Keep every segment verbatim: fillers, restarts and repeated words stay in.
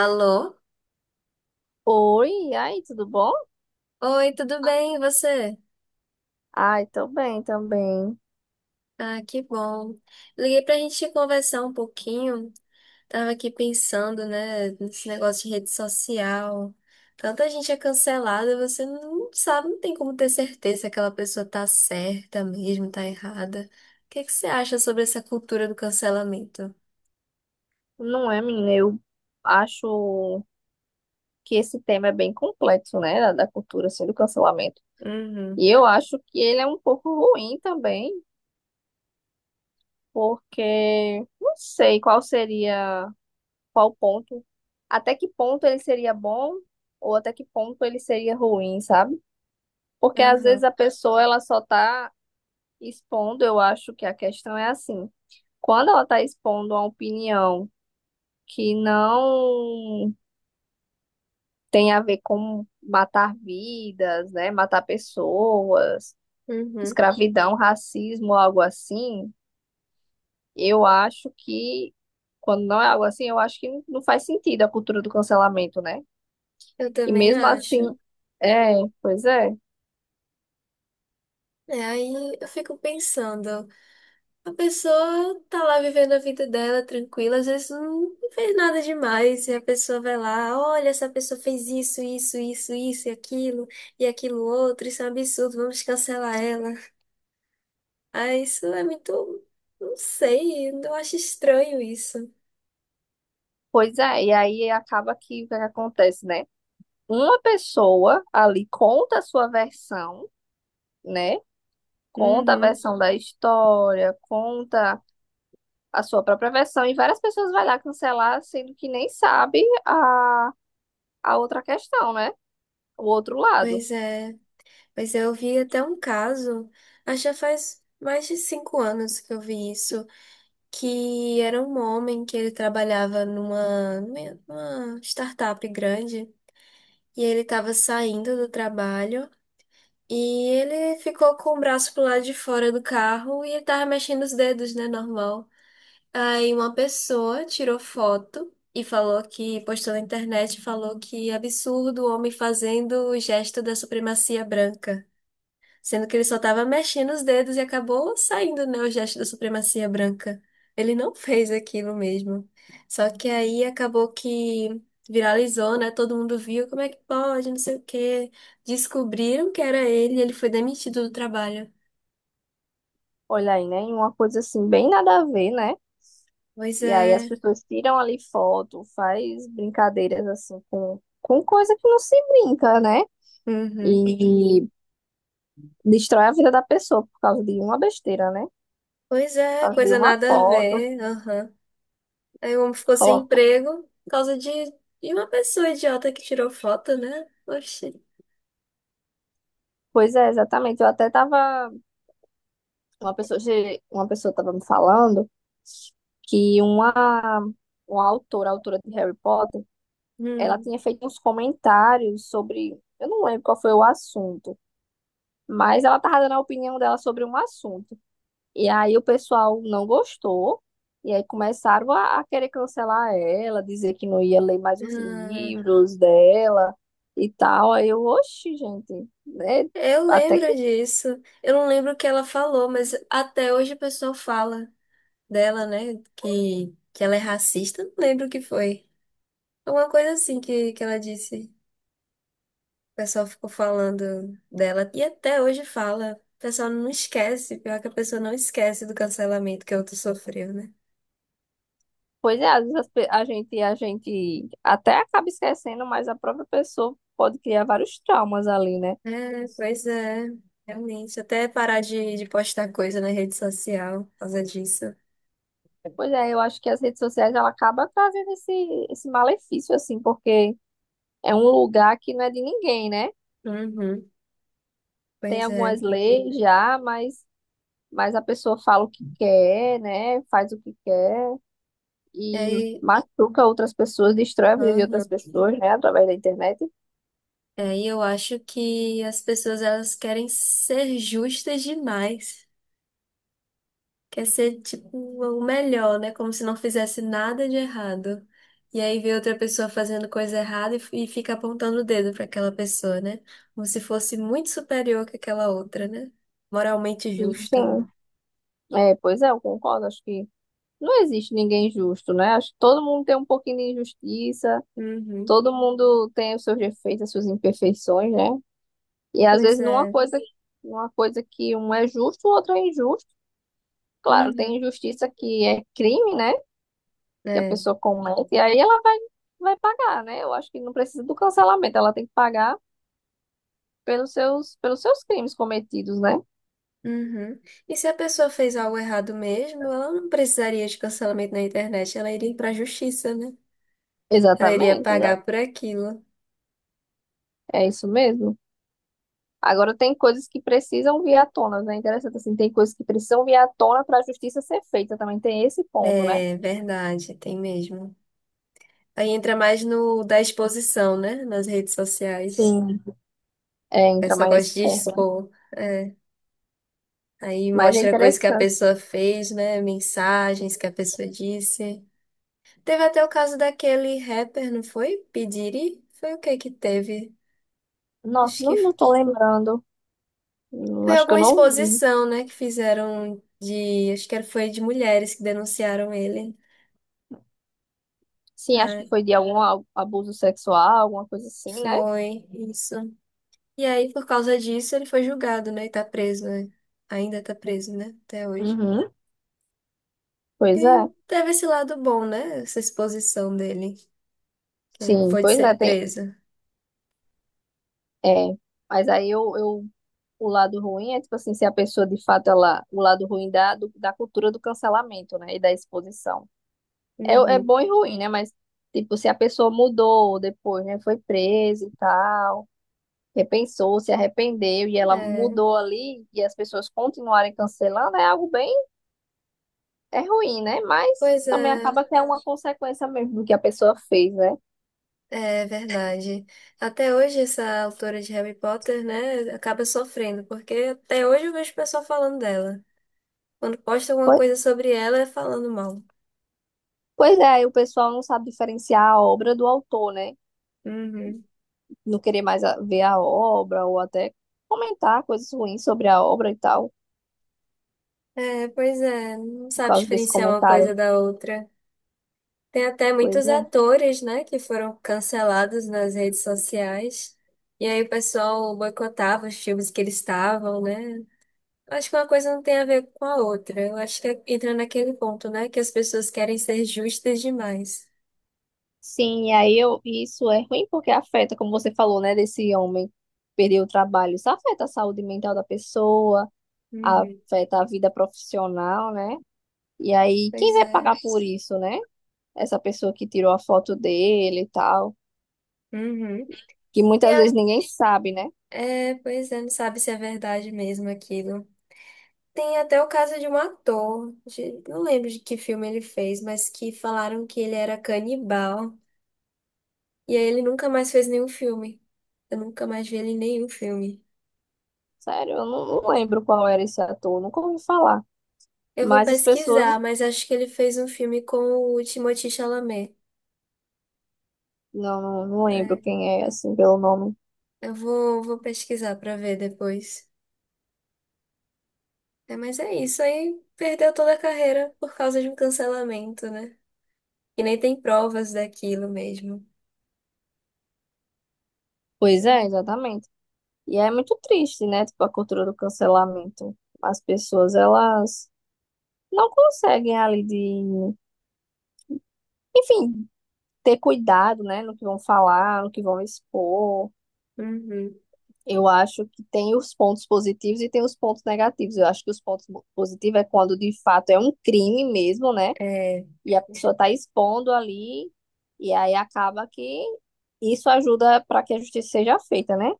Alô? Oi, e aí, tudo bom? Oi, tudo bem? E você? Ai, tô bem também. Ah, que bom. Liguei pra gente conversar um pouquinho. Tava aqui pensando, né, nesse negócio de rede social. Tanta gente é cancelada, você não sabe, não tem como ter certeza se aquela pessoa tá certa mesmo, tá errada. O que que você acha sobre essa cultura do cancelamento? Não é, menina? Eu acho que esse tema é bem complexo, né? Da, da cultura, assim, do cancelamento. Uhum. E eu acho que ele é um pouco ruim também, porque não sei qual seria, qual ponto, até que ponto ele seria bom ou até que ponto ele seria ruim, sabe? Porque às vezes Aham, a pessoa, ela só tá expondo, eu acho que a questão é assim. Quando ela tá expondo a opinião que não tem a ver com matar vidas, né? Matar pessoas, uhum. escravidão, racismo, algo assim, eu acho que, quando não é algo assim, eu acho que não faz sentido a cultura do cancelamento, né? Eu E também mesmo assim, acho. é, pois é, É, aí eu fico pensando. A pessoa tá lá vivendo a vida dela tranquila, às vezes não fez nada demais, e a pessoa vai lá, olha, essa pessoa fez isso, isso, isso, isso, e aquilo, e aquilo outro, isso é um absurdo, vamos cancelar ela. Ah, isso é muito, não sei, eu acho estranho isso. pois é, e aí acaba que o que é que acontece, né? Uma pessoa ali conta a sua versão, né? Conta a Uhum, versão da história, conta a sua própria versão e várias pessoas vai lá cancelar, sendo que nem sabe a, a outra questão, né? O outro lado. pois é, pois é, eu vi até um caso, acho que já faz mais de cinco anos que eu vi isso, que era um homem que ele trabalhava numa, numa startup grande. E ele estava saindo do trabalho e ele ficou com o braço pro lado de fora do carro e ele tava mexendo os dedos, né? Normal. Aí uma pessoa tirou foto e falou que, postou na internet, falou que absurdo o homem fazendo o gesto da supremacia branca. Sendo que ele só estava mexendo os dedos e acabou saindo, né, o gesto da supremacia branca. Ele não fez aquilo mesmo. Só que aí acabou que viralizou, né? Todo mundo viu, como é que pode, não sei o quê. Descobriram que era ele e ele foi demitido do trabalho. Olha aí, né? Uma coisa assim, bem nada a ver, né? Pois E aí as é. pessoas tiram ali foto, faz brincadeiras assim com, com coisa que não se brinca, né? Uhum. E destrói a vida da pessoa por causa de uma besteira, né? Pois é, Por causa de coisa uma nada a foto, ver. Aham. Aí o homem ficou sem coloca. emprego por causa de, de uma pessoa idiota que tirou foto, né? Oxi. Pois é, exatamente. Eu até tava Uma pessoa, che- uma pessoa estava me falando que uma, uma autora, autora de Harry Potter, ela Hum. tinha feito uns comentários sobre, eu não lembro qual foi o assunto, mas ela estava dando a opinião dela sobre um assunto. E aí o pessoal não gostou, e aí começaram a, a querer cancelar ela, dizer que não ia ler mais os Ah. livros dela e tal. Aí eu, oxe, gente, né? Eu Até lembro disso. Eu não lembro o que ela falou, mas até hoje o pessoal fala dela, né? Que, que ela é racista. Não lembro o que foi. Alguma coisa assim que, que ela disse. O pessoal ficou falando dela. E até hoje fala. O pessoal não esquece. Pior que a pessoa não esquece do cancelamento que a outra sofreu, né? Pois é, às vezes as pe- a gente, a gente até acaba esquecendo, mas a própria pessoa pode criar vários traumas ali, né? É, pois é. Realmente. Até parar de, de postar coisa na rede social por causa disso. Pois é, eu acho que as redes sociais ela acaba trazendo esse, esse malefício, assim, porque é um lugar que não é de ninguém, né? Uhum. Tem Pois algumas é. leis já, mas, mas a pessoa fala o que quer, né? Faz o que quer E e aí. machuca outras pessoas, destrói a vida de outras Aham. pessoas, né? Através da internet. É, e eu acho que as pessoas elas querem ser justas demais. Quer ser tipo o melhor, né? Como se não fizesse nada de errado. E aí vê outra pessoa fazendo coisa errada e, f- e fica apontando o dedo para aquela pessoa, né? Como se fosse muito superior que aquela outra, né? Moralmente E, justo. sim, é, pois é, eu concordo, acho que. Não existe ninguém justo, né? Acho que todo mundo tem um pouquinho de injustiça, Uhum. todo mundo tem os seus defeitos, as suas imperfeições, né? E às Pois vezes numa é. coisa, numa coisa que um é justo, o outro é injusto. Claro, tem Uhum. injustiça que é crime, né? Que a É. pessoa comete, e aí ela vai, vai pagar, né? Eu acho que não precisa do cancelamento, ela tem que pagar pelos seus, pelos seus crimes cometidos, né? Uhum. E se a pessoa fez algo errado mesmo, ela não precisaria de cancelamento na internet, ela iria para a justiça, né? Ela iria Exatamente, já- pagar por aquilo. é isso mesmo. Agora tem coisas que precisam vir à tona, né? Interessante assim, tem coisas que precisam vir à tona para a justiça ser feita também. Tem esse ponto, né? É verdade, tem mesmo. Aí entra mais no da exposição, né? Nas redes sociais. Sim. É, A entra pessoa mais nesse gosta de ponto, né? expor. É. Aí Mas é mostra coisa que a interessante. pessoa fez, né? Mensagens que a pessoa disse. Teve até o caso daquele rapper, não foi? Pediri? Foi o que que teve? Nossa, Acho que não, não tô lembrando. Hum, foi Acho que eu alguma não vi. exposição, né? Que fizeram de. Acho que era- foi de mulheres que denunciaram ele. Sim, acho que Ai, foi de algum a- abuso sexual, alguma coisa assim, né? foi isso. E aí, por causa disso, ele foi julgado, né? E tá preso, né? Ainda tá preso, né? Até hoje. Uhum. Pois E é. teve esse lado bom, né? Essa exposição dele, que ele Sim, pôde pois é, ser tem. preso. É. Mas aí eu, eu o lado ruim é tipo assim, se a pessoa de fato ela, o lado ruim da, do- da cultura do cancelamento, né? E da exposição. É, é Uhum. bom e ruim, né? Mas, tipo, se a pessoa mudou depois, né? Foi presa e tal, repensou, se arrependeu e ela É, mudou ali e as pessoas continuarem cancelando, é algo bem, é ruim, né? Mas pois também é, acaba que é uma consequência mesmo do que a pessoa fez, né? é verdade. Até hoje, essa autora de Harry Potter, né, acaba sofrendo, porque até hoje eu vejo o pessoal falando dela. Quando posta alguma Pois, coisa sobre ela, é falando mal. pois é, aí o pessoal não sabe diferenciar a obra do autor, né? Uhum. Não querer mais a- ver a obra ou até comentar coisas ruins sobre a obra e tal, É, pois é, não por sabe causa desse diferenciar uma comentário. coisa da outra. Tem até Pois muitos é. atores, né, que foram cancelados nas redes sociais. E aí o pessoal boicotava os filmes que eles estavam, né? Acho que uma coisa não tem a ver com a outra. Eu acho que é, entra naquele ponto, né, que as pessoas querem ser justas demais. Sim, e aí eu, isso é ruim porque afeta, como você falou, né, desse homem perder o trabalho. Isso afeta a saúde mental da pessoa, Uhum. afeta a vida profissional, né? E aí, quem Pois vai é. pagar por isso, né? Essa pessoa que tirou a foto dele e tal, Uhum. que Tem muitas vezes a... ninguém sabe, né? é, pois é, não sabe se é verdade mesmo aquilo. Tem até o caso de um ator, de- não lembro de que filme ele fez, mas que falaram que ele era canibal. E aí ele nunca mais fez nenhum filme. Eu nunca mais vi ele em nenhum filme. Sério, eu não, não lembro qual era esse ator, nunca ouvi falar. Eu vou Mas as pessoas, pesquisar, mas acho que ele fez um filme com o Timothée Chalamet. não, não, não lembro É, quem é, assim, pelo nome. eu vou, vou pesquisar pra ver depois. É, mas é isso aí. Perdeu toda a carreira por causa de um cancelamento, né? E nem tem provas daquilo mesmo. Pois é, Tem- exatamente. E é muito triste, né? Tipo, a cultura do cancelamento. As pessoas, elas não conseguem ali de, enfim, ter cuidado, né? No que vão falar, no que vão expor. Uhum. Eu acho que tem os pontos positivos e tem os pontos negativos. Eu acho que os pontos mo- positivos é quando de fato é um crime mesmo, né? É, E a pessoa tá expondo ali, e aí acaba que isso ajuda para que a justiça seja feita, né?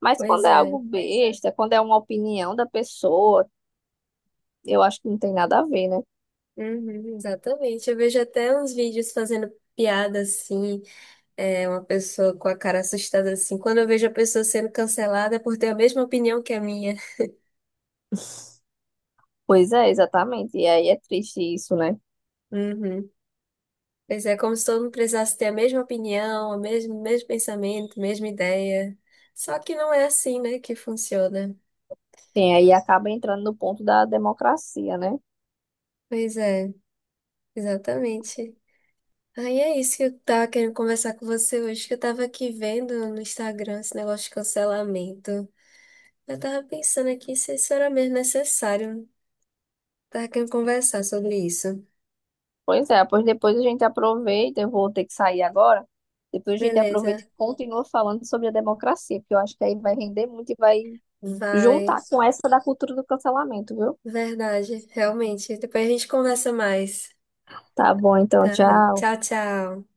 Mas quando pois é é. algo besta, quando é uma opinião da pessoa, eu acho que não tem nada a ver, né? Uhum, exatamente. Eu vejo até uns vídeos fazendo piada assim. É uma pessoa com a cara assustada assim. Quando eu vejo a pessoa sendo cancelada é por ter a mesma opinião que a minha. Pois é, exatamente. E aí é triste isso, né? Uhum. Pois é, como se todo mundo precisasse ter a mesma opinião, o mesmo, mesmo pensamento, mesma ideia. Só que não é assim, né, que funciona. Tem aí acaba entrando no ponto da democracia, né? Pois é, exatamente. Aí é isso que eu tava querendo conversar com você hoje, que eu tava aqui vendo no Instagram esse negócio de cancelamento. Eu tava pensando aqui se isso era mesmo necessário. Tava querendo conversar sobre isso. Pois é, pois depois a gente aproveita, eu vou ter que sair agora. Depois a gente aproveita e Beleza, continua falando sobre a democracia, porque eu acho que aí vai render muito e vai juntar vai. com essa da cultura do cancelamento, viu? Verdade, realmente. Depois a gente conversa mais. Tá bom, então, Tá. tchau. Tchau, tchau.